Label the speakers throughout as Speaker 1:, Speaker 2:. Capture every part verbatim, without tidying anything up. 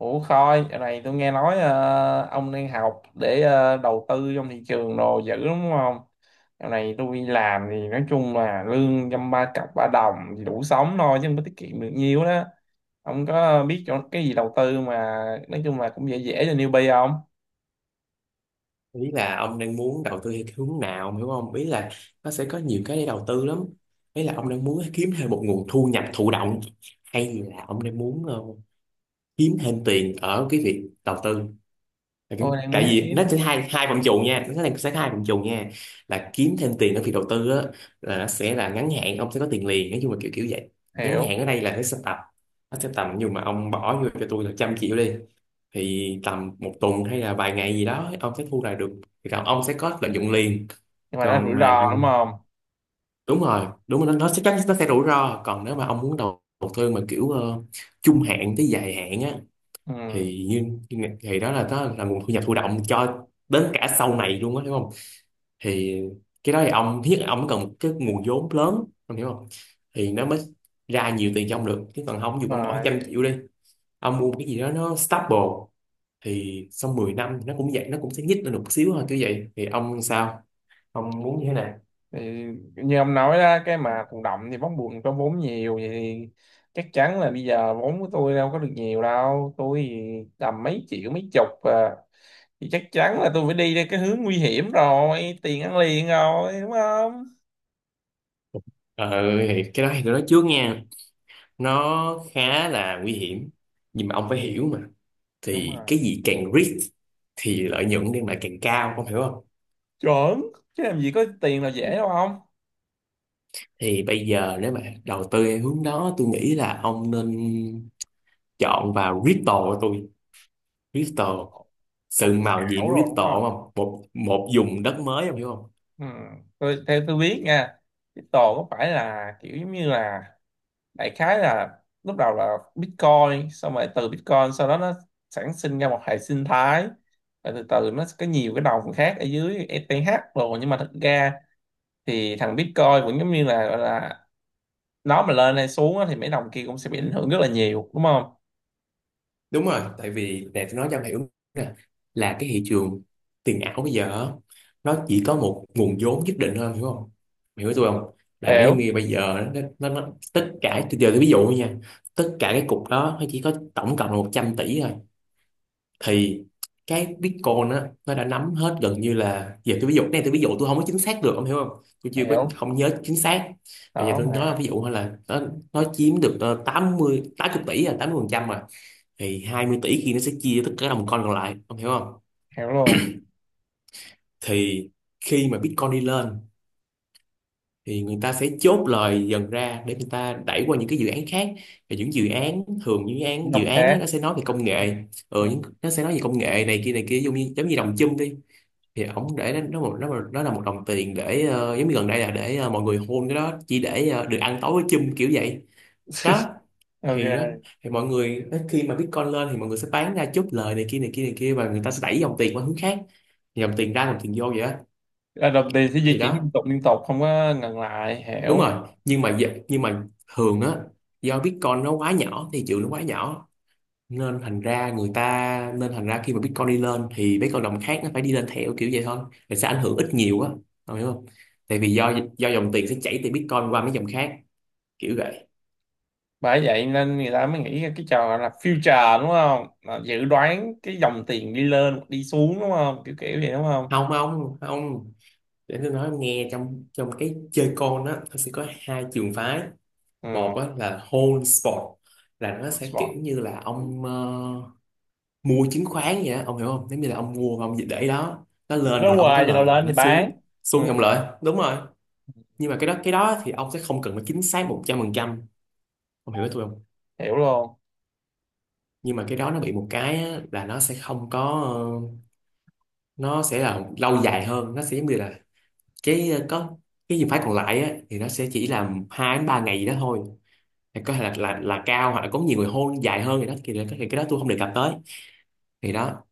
Speaker 1: Ủa Khôi, giờ này tôi nghe nói ờ, ông đang học để ờ, đầu tư trong thị trường đồ dữ đúng không? Giờ này tôi đi làm thì nói chung là lương dăm ba cặp ba đồng thì đủ sống thôi chứ không có tiết kiệm được nhiều đó. Ông có biết chỗ cái gì đầu tư mà nói chung là cũng dễ dễ cho newbie không?
Speaker 2: Ý là ông đang muốn đầu tư theo cái hướng nào, ông hiểu không? Ý là nó sẽ có nhiều cái để đầu tư lắm. Ý là ông đang muốn kiếm thêm một nguồn thu nhập thụ động hay là ông đang muốn ờ, kiếm thêm tiền ở cái việc đầu tư. Là cái-
Speaker 1: Tôi đang
Speaker 2: tại
Speaker 1: muốn
Speaker 2: vì nó sẽ
Speaker 1: kiếm
Speaker 2: hai hai phạm trù nha, nó sẽ sẽ có hai phạm trù nha. Là kiếm thêm tiền ở việc đầu tư á, là nó sẽ là ngắn hạn, ông sẽ có tiền liền, nói chung là kiểu kiểu vậy. Ngắn
Speaker 1: hiểu.
Speaker 2: hạn ở đây là nó sẽ tập, nó sẽ tầm, nhưng mà ông bỏ vô cho tôi là trăm triệu đi, thì tầm một tuần hay là vài ngày gì đó ông sẽ thu lại được, thì còn ông sẽ có lợi nhuận liền.
Speaker 1: Nhưng mà nó rủi
Speaker 2: Còn mà
Speaker 1: ro đúng không?
Speaker 2: đúng rồi, đúng rồi, nó, nó sẽ chắc nó sẽ rủi ro. Còn nếu mà ông muốn đầu, đầu tư mà kiểu ờ, trung hạn tới dài hạn á,
Speaker 1: Ừ,
Speaker 2: thì như, thì đó là đó là nguồn thu nhập thụ động cho đến cả sau này luôn á, hiểu không? Thì cái đó thì ông thiết, ông cần một cái nguồn vốn lớn ông hiểu không, thì nó mới ra nhiều tiền cho ông được. Chứ còn không,
Speaker 1: đúng
Speaker 2: dù ông bỏ
Speaker 1: rồi.
Speaker 2: trăm triệu đi, ông mua một cái gì đó nó stable, thì sau mười năm nó cũng vậy, nó cũng sẽ nhích lên một xíu thôi kiểu vậy. Thì ông sao, ông muốn như thế nào?
Speaker 1: Thì như ông nói đó, cái mà thụ động thì bóng buồn có vốn nhiều vậy thì chắc chắn là bây giờ vốn của tôi đâu có được nhiều đâu, tôi thì tầm mấy triệu mấy chục à, thì chắc chắn là tôi phải đi theo cái hướng nguy hiểm rồi, tiền ăn liền rồi đúng không.
Speaker 2: Ờ, thì cái đó thì tôi nói trước nha, nó khá là nguy hiểm, nhưng mà ông phải hiểu mà.
Speaker 1: Đúng
Speaker 2: Thì cái
Speaker 1: rồi,
Speaker 2: gì càng risk thì lợi nhuận đem lại càng cao, ông hiểu không?
Speaker 1: chuẩn, chứ làm gì có tiền là dễ đâu không.
Speaker 2: Thì bây giờ nếu mà đầu tư theo hướng đó, tôi nghĩ là ông nên chọn vào crypto của tôi. Crypto
Speaker 1: Lòng
Speaker 2: sừng màu gì
Speaker 1: ảo
Speaker 2: của
Speaker 1: rồi đúng
Speaker 2: crypto
Speaker 1: không.
Speaker 2: không, một một vùng đất mới ông hiểu không?
Speaker 1: Ừ. Tôi, theo tôi biết nha, crypto có phải là kiểu giống như là, đại khái là lúc đầu là Bitcoin, xong rồi từ Bitcoin sau đó nó sản sinh ra một hệ sinh thái, rồi từ từ nó có nhiều cái đồng khác ở dưới e tê hát, rồi nhưng mà thực ra thì thằng Bitcoin vẫn giống như là gọi là, nó mà lên hay xuống á, thì mấy đồng kia cũng sẽ bị ảnh hưởng rất là nhiều đúng không.
Speaker 2: Đúng rồi, tại vì nè tôi nói cho mày đúng nè, là cái thị trường tiền ảo bây giờ á, nó chỉ có một nguồn vốn nhất định thôi, em hiểu không? Mày hiểu tôi không? Là nó giống
Speaker 1: Hiểu.
Speaker 2: như bây giờ nó, nó, nó tất cả, từ giờ tôi ví dụ thôi nha, tất cả cái cục đó nó chỉ có tổng cộng là một trăm tỷ thôi. Thì cái Bitcoin á, nó đã nắm hết gần như là, giờ tôi ví dụ, cái này tôi ví dụ tôi không có chính xác được ông hiểu không, tôi chưa có
Speaker 1: Hiểu.
Speaker 2: không nhớ chính xác. Bây giờ
Speaker 1: Đó
Speaker 2: tôi nói
Speaker 1: mà.
Speaker 2: ví dụ thôi là nó, nó chiếm được ờ, tám 80 tỷ, là tám mươi phần trăm rồi, thì hai mươi tỷ kia nó sẽ chia cho tất cả đồng coin còn lại, ông hiểu không?
Speaker 1: Hiểu luôn.
Speaker 2: Thì khi mà Bitcoin đi lên thì người ta sẽ chốt lời dần ra để người ta đẩy qua những cái dự án khác. Và những dự án, thường những dự
Speaker 1: Những
Speaker 2: án dự
Speaker 1: đồng
Speaker 2: án á,
Speaker 1: khác.
Speaker 2: nó sẽ nói về công nghệ. Ừ,
Speaker 1: Ừ.
Speaker 2: những, nó sẽ nói về công nghệ này kia này kia, giống như giống như đồng chum đi, thì ổng để nó, nó một nó, một- nó là một đồng tiền để ờ, giống như gần đây là để ờ, mọi người hôn, cái đó chỉ để ờ, được ăn tối với chum kiểu vậy. Đó. Thì đó,
Speaker 1: Ok.
Speaker 2: thì mọi người khi mà Bitcoin lên thì mọi người sẽ bán ra chốt lời này kia này kia này kia, và người ta sẽ đẩy dòng tiền qua hướng khác. Dòng tiền ra dòng tiền vô vậy đó.
Speaker 1: Là đồng tiền sẽ di
Speaker 2: Thì
Speaker 1: chuyển
Speaker 2: đó,
Speaker 1: liên tục liên tục không có ngừng lại,
Speaker 2: đúng
Speaker 1: hiểu.
Speaker 2: rồi. Nhưng mà dạ- nhưng mà thường á, do Bitcoin nó quá nhỏ, thì chữ nó quá nhỏ, nên thành ra người ta nên thành ra khi mà Bitcoin đi lên thì mấy con đồng khác nó phải đi lên theo kiểu vậy thôi, thì sẽ ảnh hưởng ít nhiều á. Ông hiểu không? Tại vì do do dòng tiền sẽ chảy từ Bitcoin qua mấy dòng khác kiểu vậy.
Speaker 1: Bởi vậy nên người ta mới nghĩ ra cái trò gọi là future đúng không, là dự đoán cái dòng tiền đi lên hoặc đi xuống đúng không, kiểu kiểu vậy đúng không.
Speaker 2: Không, không, không, để tôi nói em nghe, trong trong cái chơi con á, nó sẽ có hai trường phái.
Speaker 1: Ừ.
Speaker 2: Một á, là whole sport, là nó sẽ kiểu
Speaker 1: Spot.
Speaker 2: như là ông ờ, mua chứng khoán vậy á, ông hiểu không? Giống như là ông mua và ông để đó, nó lên thì
Speaker 1: Nó
Speaker 2: ông có
Speaker 1: hoài cho nó
Speaker 2: lời và
Speaker 1: lên thì
Speaker 2: nó
Speaker 1: bán.
Speaker 2: xuống,
Speaker 1: Ừ.
Speaker 2: xuống thì ông lợi, đúng rồi. Nhưng mà cái đó, cái đó thì ông sẽ không cần phải chính xác một trăm phần trăm, ông hiểu với tôi không?
Speaker 1: Hiểu luôn.
Speaker 2: Nhưng mà cái đó nó bị một cái á, là nó sẽ không có ờ, nó sẽ là lâu dài hơn, nó sẽ giống như là cái ờ, có cái trường phái còn lại á, thì nó sẽ chỉ là hai đến ba ngày gì đó thôi, thì có thể là là là cao, hoặc là có nhiều người hôn dài hơn. Thì đó thì, thì cái đó tôi không đề cập tới. Thì đó,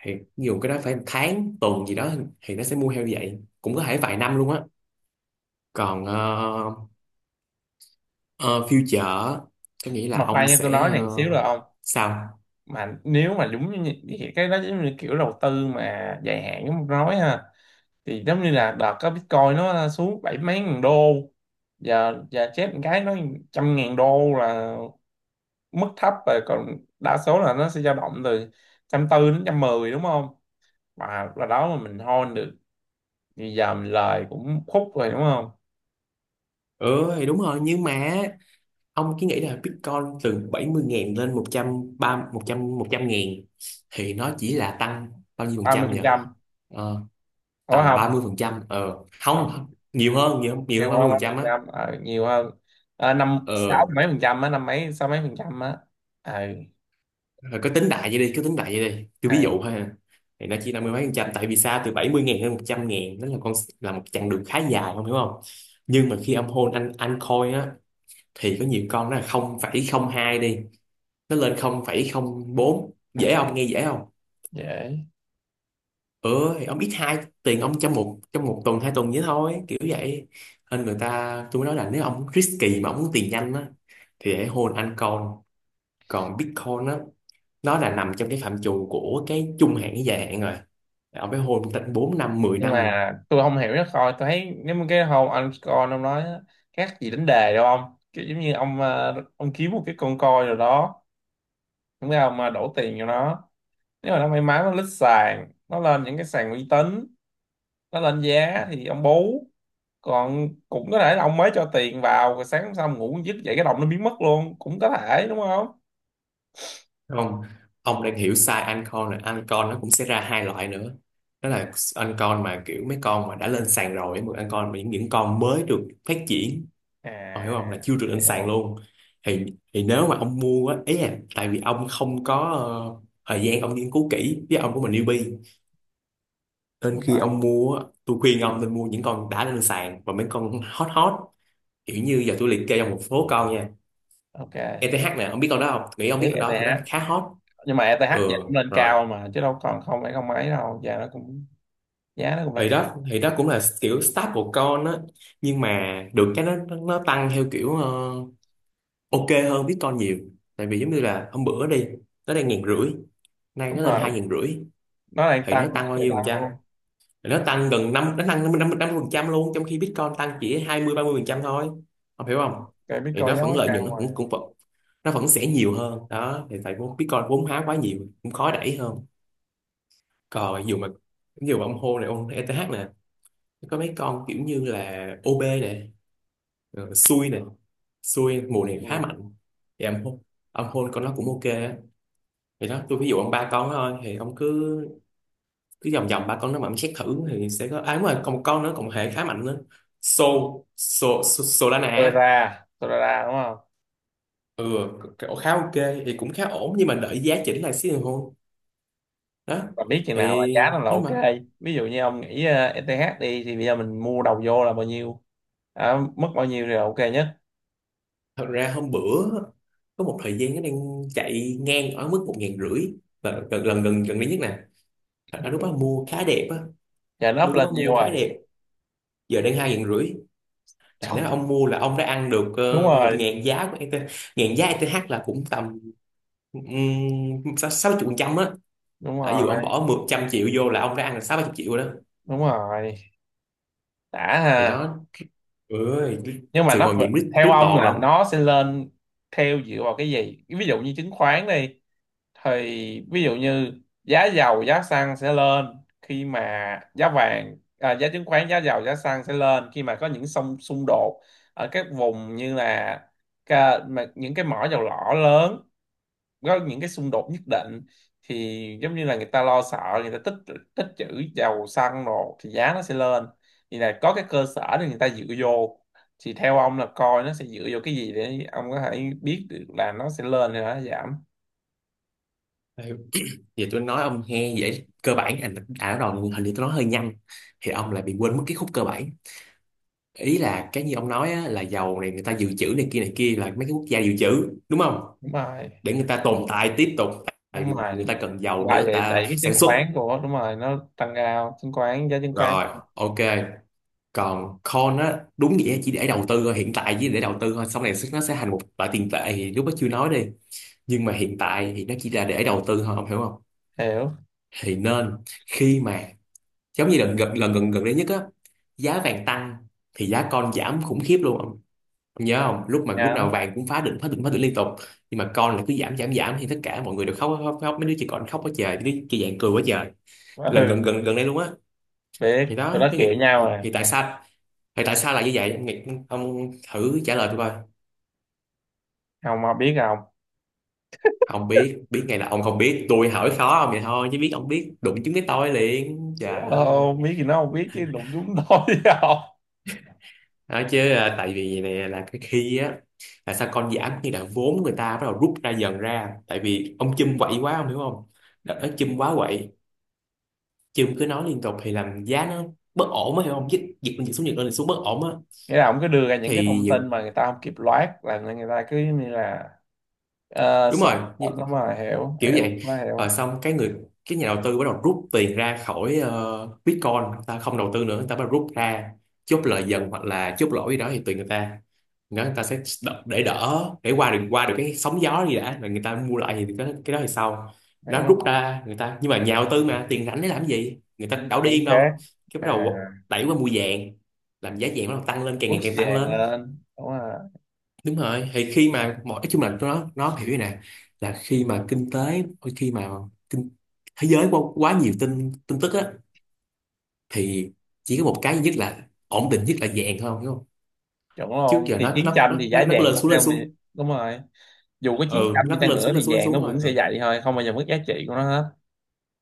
Speaker 2: thì nhiều cái đó phải tháng tuần gì đó, thì nó sẽ mua heo như vậy, cũng có thể vài năm luôn á. Còn ờ, ờ, future có nghĩa là
Speaker 1: Mà khoan,
Speaker 2: ông
Speaker 1: cho tôi
Speaker 2: sẽ
Speaker 1: nói này một
Speaker 2: ờ,
Speaker 1: xíu được không.
Speaker 2: sao?
Speaker 1: Mà nếu mà đúng như như- như cái đó giống như kiểu đầu tư mà dài hạn giống tôi nói ha, thì giống như là đợt có Bitcoin nó xuống bảy mấy ngàn đô, giờ giờ chết một cái nó trăm ngàn đô là mức thấp rồi, còn đa số là nó sẽ dao động từ trăm tư đến trăm mười đúng không, và là đó mà mình hold được thì giờ mình lời cũng khúc rồi đúng không.
Speaker 2: Ừ thì đúng rồi, nhưng mà ông cứ nghĩ là Bitcoin từ bảy mươi ngàn lên một một trăm ba một trăm một trăm ngàn, thì nó chỉ là tăng bao nhiêu phần
Speaker 1: Ba mươi
Speaker 2: trăm nhỉ?
Speaker 1: phần trăm
Speaker 2: Ờ,
Speaker 1: đúng
Speaker 2: tầm ba
Speaker 1: không.
Speaker 2: mươi phần trăm. Ờ không
Speaker 1: Tầm
Speaker 2: không, Nhiều hơn, nhiều hơn, nhiều
Speaker 1: nhiều
Speaker 2: hơn ba mươi
Speaker 1: hơn
Speaker 2: phần
Speaker 1: ba mươi
Speaker 2: trăm
Speaker 1: phần
Speaker 2: á.
Speaker 1: trăm, ờ, nhiều hơn. Ờ, năm sáu
Speaker 2: Ờ.
Speaker 1: mấy phần trăm á, năm mấy sáu mấy phần trăm á. Ờ.
Speaker 2: Rồi cứ tính đại vậy đi, cứ tính đại vậy đi. Tôi
Speaker 1: Ờ,
Speaker 2: ví dụ ha. Thì nó chỉ năm mươi mấy phần trăm. Tại vì sao, từ bảy mươi ngàn đến một trăm ngàn đó là con, là một chặng đường khá dài không, hiểu không? Nhưng mà khi âm hôn anh anh coin á, thì có nhiều con nó là không phẩy không hai đi, nó lên không không phẩy không bốn. Dễ không? Nghe dễ không?
Speaker 1: dễ.
Speaker 2: Ừ, thì ông ít hai tiền ông trong một trong một tuần hai tuần vậy thôi, kiểu vậy. Nên người ta, tôi mới nói là nếu ông risky mà ông muốn tiền nhanh á thì hãy hôn anh coin. Còn Bitcoin á, nó là nằm trong cái phạm trù của cái trung hạn với dài hạn rồi, ông phải hôn tận bốn năm mười
Speaker 1: Nhưng
Speaker 2: năm.
Speaker 1: mà tôi không hiểu nó coi, tôi thấy nếu mà cái hôm anh coi ông nói á, khác gì đánh đề đâu ông, kiểu giống như ông ờ, ông kiếm một cái con coi rồi đó đúng không, mà đổ tiền cho nó, nếu mà nó may mắn nó lít sàn, nó lên những cái sàn uy tín, nó lên giá thì ông bú, còn cũng có thể là ông mới cho tiền vào rồi sáng hôm sau ngủ dứt dậy cái đồng nó biến mất luôn cũng có thể đúng không.
Speaker 2: Không, ông đang hiểu sai anh con rồi, anh con nó cũng sẽ ra hai loại nữa. Đó là anh con mà kiểu mấy con mà đã lên sàn rồi, một anh con mà những, những con mới được phát triển, ông hiểu không, là chưa được
Speaker 1: À,
Speaker 2: lên sàn
Speaker 1: hiểu.
Speaker 2: luôn. thì thì nếu mà ông mua á, ý là tại vì ông không có ờ, thời gian ông nghiên cứu kỹ, với ông của mình newbie, nên
Speaker 1: Đúng
Speaker 2: khi
Speaker 1: rồi.
Speaker 2: ông mua á, tôi khuyên ông nên mua những con đã lên sàn và mấy con hot hot. Kiểu như giờ tôi liệt kê trong một số con nha.
Speaker 1: Ok.
Speaker 2: i tê hát nè, ông biết con đó không? Nghĩ ông biết
Speaker 1: Đấy
Speaker 2: con
Speaker 1: E
Speaker 2: đó, con đó
Speaker 1: ETH.
Speaker 2: khá hot.
Speaker 1: Nhưng mà E ETH
Speaker 2: Ừ
Speaker 1: giờ cũng lên
Speaker 2: rồi.
Speaker 1: cao mà, chứ đâu còn không phải không ấy đâu, giờ nó cũng giá nó cũng đã
Speaker 2: Ý
Speaker 1: cao.
Speaker 2: đó thì đó cũng là kiểu staple con á, nhưng mà được cái nó nó nó tăng theo kiểu ờ, ok, hơn Bitcoin nhiều. Tại vì giống như là hôm bữa đi, nó đang ngàn rưỡi, nay
Speaker 1: Đúng
Speaker 2: nó lên hai
Speaker 1: rồi,
Speaker 2: ngàn rưỡi.
Speaker 1: nó đang
Speaker 2: Thì nó
Speaker 1: tăng.
Speaker 2: tăng bao
Speaker 1: Trời
Speaker 2: nhiêu phần
Speaker 1: tăng
Speaker 2: trăm?
Speaker 1: luôn.
Speaker 2: Thì nó tăng gần năm, nó tăng năm năm phần trăm luôn, trong khi Bitcoin tăng chỉ hai mươi ba mươi phần trăm thôi, không hiểu không?
Speaker 1: Cái
Speaker 2: Thì
Speaker 1: Bitcoin
Speaker 2: nó
Speaker 1: giá
Speaker 2: vẫn,
Speaker 1: quá
Speaker 2: lợi nhuận
Speaker 1: cao
Speaker 2: nó cũng
Speaker 1: rồi.
Speaker 2: cũng vẫn, nó vẫn sẽ nhiều hơn đó. Thì tại vốn Bitcoin vốn hóa quá nhiều cũng khó đẩy hơn. Còn dù mà, dù mà ông hô này, ông ét này, có mấy con kiểu như là o bê này, rồi xui này, xui mùa này khá
Speaker 1: Gì?
Speaker 2: mạnh, thì ông hôn ông hôn con nó cũng ok á. Thì đó, tôi ví dụ ông ba con đó thôi, thì ông cứ, cứ vòng vòng ba con nó mà ông xét thử thì sẽ có. À đúng rồi, còn một con nữa, còn một hệ khá mạnh nữa. So so so Solana á.
Speaker 1: Solana, Solana đúng không?
Speaker 2: Ừ. Cái- khá ok, thì cũng khá ổn, nhưng mà đợi giá chỉnh lại xíu rồi hôn. Đó
Speaker 1: Mà biết chừng nào là
Speaker 2: thì
Speaker 1: giá nó là
Speaker 2: nếu mà
Speaker 1: ok. Ví dụ như ông nghĩ ờ, e tê hát đi, thì bây giờ mình mua đầu vô là bao nhiêu, à, mất bao nhiêu thì là ok nhất.
Speaker 2: thật ra hôm bữa có một thời gian nó đang chạy ngang ở mức một ngàn rưỡi, lần gần gần gần gần đây nhất nè. Thật lúc đó mua khá đẹp á,
Speaker 1: Giờ nó up
Speaker 2: mua lúc
Speaker 1: lên
Speaker 2: đó
Speaker 1: nhiều
Speaker 2: mua khá
Speaker 1: rồi.
Speaker 2: đẹp, giờ đang hai ngàn rưỡi. Là
Speaker 1: Trời,
Speaker 2: nếu ông mua là ông đã ăn được
Speaker 1: đúng
Speaker 2: uh, một
Speaker 1: rồi,
Speaker 2: ngàn giá của i tê hát. Ngàn giá i tê hát là cũng tầm um, sáu chục phần trăm á.
Speaker 1: đúng
Speaker 2: Đã, dù ông
Speaker 1: rồi,
Speaker 2: bỏ một trăm triệu vô là ông đã ăn được sáu chục triệu rồi đó.
Speaker 1: đúng rồi, đã
Speaker 2: Thì
Speaker 1: ha.
Speaker 2: đó, ơi,
Speaker 1: Nhưng mà
Speaker 2: sự
Speaker 1: nó,
Speaker 2: màu nhiệm crypt-
Speaker 1: theo ông
Speaker 2: crypto mà
Speaker 1: là
Speaker 2: ông.
Speaker 1: nó sẽ lên theo, dựa vào cái gì? Ví dụ như chứng khoán đi, thì ví dụ như giá dầu giá xăng sẽ lên khi mà, giá vàng à, giá chứng khoán giá dầu giá xăng sẽ lên khi mà có những xung xung đột ở các vùng như là ca, mà những cái mỏ dầu lỏ lớn có những cái xung đột nhất định, thì giống như là người ta lo sợ, người ta tích tích trữ dầu xăng rồi thì giá nó sẽ lên, thì là có cái cơ sở để người ta dựa vô. Thì theo ông là coi nó sẽ dựa vô cái gì để ông có thể biết được là nó sẽ lên hay là nó giảm.
Speaker 2: Đây, giờ tôi nói ông nghe vậy cơ bản, anh à, nó đòn hình như tôi nói hơi nhanh thì ông lại bị quên mất cái khúc cơ bản. Ý là cái như ông nói á, là dầu này người ta dự trữ này kia này kia, là mấy cái quốc gia dự trữ đúng không,
Speaker 1: Đúng rồi.
Speaker 2: để người ta tồn tại tiếp tục, tại
Speaker 1: Đúng
Speaker 2: vì người
Speaker 1: rồi,
Speaker 2: ta cần dầu để
Speaker 1: lại
Speaker 2: người
Speaker 1: để
Speaker 2: ta
Speaker 1: đẩy cái
Speaker 2: sản
Speaker 1: chứng
Speaker 2: xuất.
Speaker 1: khoán của, đúng rồi, nó tăng cao chứng khoán, giá chứng khoán.
Speaker 2: Rồi, ok, còn coin á đúng nghĩa chỉ để đầu tư thôi, hiện tại chỉ để đầu tư thôi, sau này nó sẽ thành một loại tiền tệ thì lúc đó chưa nói đi, nhưng mà hiện tại thì nó chỉ là để đầu tư thôi, ông hiểu không.
Speaker 1: Hiểu.
Speaker 2: Thì nên khi mà, giống như lần gần lần gần gần đây nhất á, giá vàng tăng thì giá con giảm khủng khiếp luôn ông, ông nhớ không, lúc mà lúc nào
Speaker 1: Nhá.
Speaker 2: vàng cũng phá đỉnh phá đỉnh phá đỉnh liên tục, nhưng mà con là cứ giảm giảm giảm, thì tất cả mọi người đều khóc khóc, khóc. Mấy đứa chỉ còn khóc quá trời, mấy đứa trẻ vàng cười quá trời, gần gần
Speaker 1: Ừ.
Speaker 2: gần gần đây luôn á.
Speaker 1: Biết
Speaker 2: Thì đó
Speaker 1: tụi nó
Speaker 2: cái
Speaker 1: khịa
Speaker 2: nghĩ,
Speaker 1: nhau
Speaker 2: thì,
Speaker 1: à.
Speaker 2: thì tại sao, thì tại sao là như vậy? Em nghĩ, ông thử trả lời tôi coi.
Speaker 1: Không mà biết không.
Speaker 2: Không biết, biết ngày là ông không biết, tôi hỏi khó ông vậy thôi, chứ biết ông biết đụng trúng cái tôi liền, trời ơi.
Speaker 1: Ờ, biết thì nó không biết chứ đụng chúng tôi không.
Speaker 2: Nói chứ à, tại vì này là cái khi á, là sao con giảm, như là vốn người ta bắt đầu rút ra dần ra, tại vì ông Chum quậy quá, ông hiểu không, đợt đó Chum quá quậy, Chum cứ nói liên tục thì làm giá nó bất ổn á, hiểu không, dịch dịch lên dịch xuống dịch lên dịch xuống bất ổn á.
Speaker 1: Nghĩa là ông cứ đưa ra những cái
Speaker 2: Thì
Speaker 1: thông tin
Speaker 2: những
Speaker 1: mà người ta không kịp loát là người ta cứ như là, ờ,
Speaker 2: Đúng
Speaker 1: sợ.
Speaker 2: rồi,
Speaker 1: Đúng rồi, hiểu
Speaker 2: kiểu
Speaker 1: hiểu
Speaker 2: vậy.
Speaker 1: nó
Speaker 2: Rồi
Speaker 1: hiểu.
Speaker 2: xong cái người, cái nhà đầu tư bắt đầu rút tiền ra khỏi ờ, Bitcoin, người ta không đầu tư nữa, người ta bắt đầu rút ra, chốt lời dần hoặc là chốt lỗ gì đó thì tùy người ta. Người ta sẽ đ- để đỡ, để qua được qua được cái sóng gió gì đã, rồi người ta mua lại, thì cái, cái đó thì sau nó
Speaker 1: Hiểu
Speaker 2: rút
Speaker 1: không?
Speaker 2: ra người ta, nhưng mà nhà đầu tư mà tiền rảnh để làm cái gì, người ta đâu
Speaker 1: Tử
Speaker 2: điên
Speaker 1: khác.
Speaker 2: đâu. Cái bắt
Speaker 1: À.
Speaker 2: đầu đẩy qua mua vàng, làm giá vàng bắt đầu tăng lên, càng
Speaker 1: Bước
Speaker 2: ngày càng tăng
Speaker 1: vàng
Speaker 2: lên.
Speaker 1: lên, đúng rồi.
Speaker 2: Đúng rồi, thì khi mà mọi, nói chung là nó nó hiểu như này, là khi mà kinh tế, khi mà kinh, thế giới quá, quá nhiều tin tin tức á, thì chỉ có một cái duy nhất là ổn định nhất là vàng thôi, đúng không.
Speaker 1: Chuẩn
Speaker 2: Trước
Speaker 1: luôn,
Speaker 2: giờ
Speaker 1: thì
Speaker 2: nó
Speaker 1: chiến
Speaker 2: nó
Speaker 1: tranh
Speaker 2: nó
Speaker 1: thì giá
Speaker 2: nó, nó
Speaker 1: vàng
Speaker 2: lên
Speaker 1: cũng
Speaker 2: xuống lên
Speaker 1: theo mình.
Speaker 2: xuống.
Speaker 1: Đúng rồi, dù có
Speaker 2: Ừ,
Speaker 1: chín trăm
Speaker 2: nó
Speaker 1: đi chăng
Speaker 2: lên
Speaker 1: nữa
Speaker 2: xuống lên
Speaker 1: thì
Speaker 2: xuống lên
Speaker 1: vàng
Speaker 2: xuống
Speaker 1: nó
Speaker 2: thôi.
Speaker 1: vẫn
Speaker 2: Ừ.
Speaker 1: sẽ vậy thôi, không bao giờ mất giá trị của nó hết.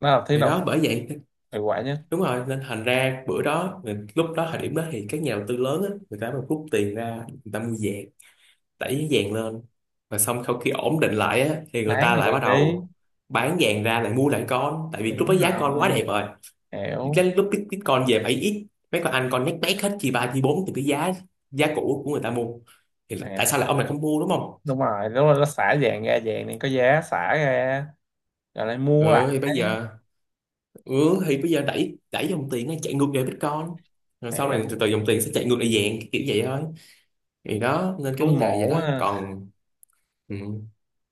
Speaker 1: Nó là thứ
Speaker 2: Thì
Speaker 1: đầu
Speaker 2: đó
Speaker 1: tiên
Speaker 2: bởi vậy.
Speaker 1: hiệu quả nhất.
Speaker 2: Đúng rồi, nên thành ra bữa đó, lúc đó thời điểm đó thì các nhà đầu tư lớn á người ta mới rút tiền ra, người ta mua vàng, đẩy vàng lên. Và xong sau khi ổn định lại á, thì người
Speaker 1: Bán
Speaker 2: ta lại bắt
Speaker 1: vàng đi.
Speaker 2: đầu bán vàng ra, lại mua lại con, tại vì lúc đó
Speaker 1: Đúng
Speaker 2: giá con quá
Speaker 1: rồi,
Speaker 2: đẹp rồi. Cái
Speaker 1: hiểu.
Speaker 2: lúc bit- Bitcoin về bảy x, mấy con anh con nhét nhét hết, chi ba chi bốn từ cái giá, giá cũ của người ta mua, thì tại
Speaker 1: Nè.
Speaker 2: sao lại ông này không mua, đúng không.
Speaker 1: Đúng rồi, đúng rồi, nó xả vàng ra, vàng này có giá xả ra, rồi lại mua lại.
Speaker 2: Ừ thì bây giờ, ừ thì bây giờ đẩy, đẩy dòng tiền nó chạy ngược về Bitcoin, rồi sau này từ
Speaker 1: Hiểu
Speaker 2: từ dòng tiền sẽ chạy ngược lại vàng, kiểu vậy thôi. Thì đó nên cái vấn
Speaker 1: luôn
Speaker 2: đề vậy
Speaker 1: mổ
Speaker 2: đó.
Speaker 1: á.
Speaker 2: Còn ừ,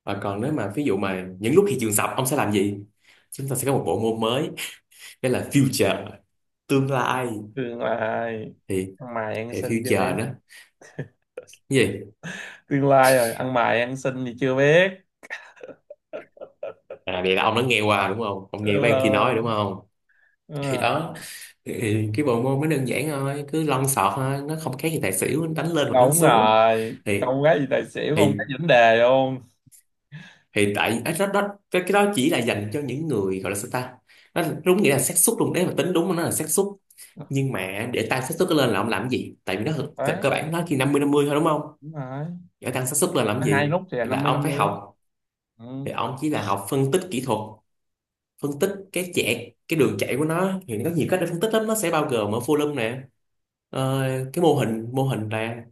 Speaker 2: và còn nếu mà ví dụ mà những lúc thị trường sập ông sẽ làm gì? Chúng ta sẽ có một bộ môn mới, đó là future, tương lai.
Speaker 1: Tương lai.
Speaker 2: thì
Speaker 1: Ăn mày ăn
Speaker 2: thì
Speaker 1: xin chưa biết.
Speaker 2: future đó. Cái gì?
Speaker 1: Tương lai rồi ăn mày ăn xin thì chưa biết.
Speaker 2: À vậy là ông đã nghe qua đúng không? Ông
Speaker 1: Đúng
Speaker 2: nghe mấy anh kia nói
Speaker 1: rồi.
Speaker 2: đúng không?
Speaker 1: Đúng
Speaker 2: Thì
Speaker 1: rồi.
Speaker 2: đó, thì cái bộ môn nó đơn giản thôi, cứ lon sọt thôi, nó không khác gì tài xỉu, đánh lên hoặc đánh
Speaker 1: Đúng
Speaker 2: xuống.
Speaker 1: rồi,
Speaker 2: Thì
Speaker 1: con gái gì tài xỉu không
Speaker 2: thì
Speaker 1: cái vấn đề luôn.
Speaker 2: thì tại ấy, đó, đó, cái, cái đó chỉ là dành cho những người gọi là sao ta, nó đúng nghĩa là xác suất luôn đấy, mà tính đúng nó là xác suất. Nhưng mà để tăng xác suất lên là ông làm cái gì, tại vì nó cơ
Speaker 1: Đấy.
Speaker 2: cơ bản nó chỉ năm mươi năm mươi thôi đúng không.
Speaker 1: Đúng rồi,
Speaker 2: Để tăng xác suất lên làm
Speaker 1: nó
Speaker 2: cái
Speaker 1: hai
Speaker 2: gì,
Speaker 1: lúc thì là
Speaker 2: thì là
Speaker 1: năm mươi
Speaker 2: ông
Speaker 1: năm
Speaker 2: phải
Speaker 1: mươi.
Speaker 2: học.
Speaker 1: Ừ,
Speaker 2: Thì ông chỉ là học phân tích kỹ thuật, phân tích cái chạy, cái đường chạy của nó, thì nó có nhiều cách để phân tích lắm, nó sẽ bao gồm ở volume nè, ờ, cái mô hình, mô hình nè,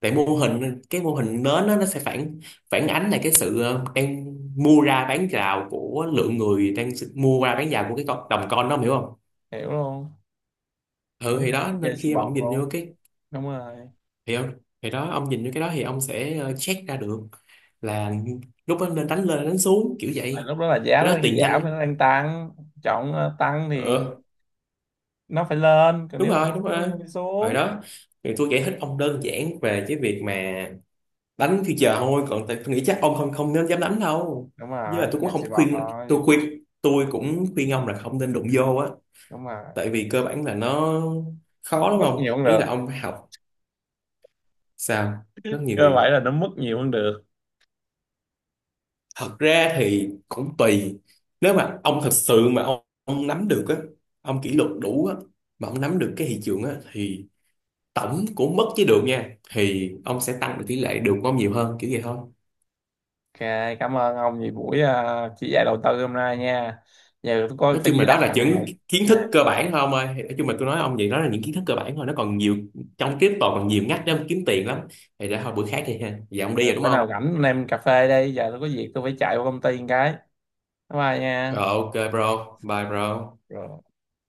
Speaker 2: tại mô hình, cái mô hình nến á, nó sẽ phản phản ánh lại cái sự ờ, đang mua ra bán rào của lượng người đang s- mua ra bán rào của cái con, đồng coin đó, ông hiểu không.
Speaker 1: hiểu luôn.
Speaker 2: Ừ
Speaker 1: Mấy
Speaker 2: thì
Speaker 1: thằng
Speaker 2: đó,
Speaker 1: đang chơi
Speaker 2: nên
Speaker 1: xì
Speaker 2: khi mà
Speaker 1: bọt
Speaker 2: ông nhìn vô
Speaker 1: luôn.
Speaker 2: cái,
Speaker 1: Đúng rồi.
Speaker 2: thì ông, thì đó ông nhìn vô cái đó thì ông sẽ ờ, check ra được là lúc đó nên đánh lên đánh xuống kiểu
Speaker 1: Tại
Speaker 2: vậy.
Speaker 1: lúc đó là
Speaker 2: Thì
Speaker 1: giá nó
Speaker 2: cái đó
Speaker 1: đang
Speaker 2: tiền nhanh
Speaker 1: giảm nên
Speaker 2: lắm.
Speaker 1: nó đang tăng. Chọn ờ, tăng thì
Speaker 2: Ừ,
Speaker 1: nó phải lên, còn
Speaker 2: đúng
Speaker 1: nếu mà nó
Speaker 2: rồi đúng
Speaker 1: xuống thì
Speaker 2: rồi,
Speaker 1: nó phải
Speaker 2: rồi
Speaker 1: xuống.
Speaker 2: đó. Thì tôi giải thích ông đơn giản về cái việc mà đánh thì chờ thôi, còn tại tôi nghĩ chắc ông không không nên dám đánh đâu,
Speaker 1: Đúng
Speaker 2: với là
Speaker 1: rồi,
Speaker 2: tôi
Speaker 1: không
Speaker 2: cũng
Speaker 1: nên xì
Speaker 2: không
Speaker 1: bọt
Speaker 2: khuyên, tôi
Speaker 1: thôi.
Speaker 2: khuyên tôi cũng khuyên ông là không nên đụng vô á,
Speaker 1: Đúng rồi.
Speaker 2: tại vì cơ bản là nó khó, đúng
Speaker 1: Mất
Speaker 2: không,
Speaker 1: nhiều cũng
Speaker 2: ý
Speaker 1: được.
Speaker 2: là ông phải học. Sao, rất nhiều
Speaker 1: Cơ
Speaker 2: người,
Speaker 1: vậy là nó mất nhiều cũng được.
Speaker 2: thật ra thì cũng tùy, nếu mà ông thật sự mà ông, ông nắm được á, ông kỷ luật đủ á, mà ông nắm được cái thị trường á, thì tổng của mất với được nha, thì ông sẽ tăng được tỷ lệ được của ông nhiều hơn, kiểu vậy thôi.
Speaker 1: Ok, cảm ơn ông vì buổi ờ, chỉ dạy đầu tư hôm nay nha. Giờ tôi coi
Speaker 2: Nói
Speaker 1: phải
Speaker 2: chung
Speaker 1: đi
Speaker 2: là đó là
Speaker 1: làm
Speaker 2: những
Speaker 1: rồi.
Speaker 2: kiến
Speaker 1: À,
Speaker 2: thức cơ bản thôi ông ơi. Thì nói chung là tôi nói ông vậy, đó là những kiến thức cơ bản thôi, nó còn nhiều, trong crypto còn nhiều ngách để ông kiếm tiền lắm. Thì để thôi bữa khác đi ha, giờ ông đi
Speaker 1: ừ,
Speaker 2: rồi đúng
Speaker 1: bữa nào
Speaker 2: không.
Speaker 1: rảnh anh em cà phê đi, giờ tôi có việc tôi phải chạy qua công ty một cái. Bye bye nha.
Speaker 2: Rồi ok bro, bye bro.
Speaker 1: Rồi.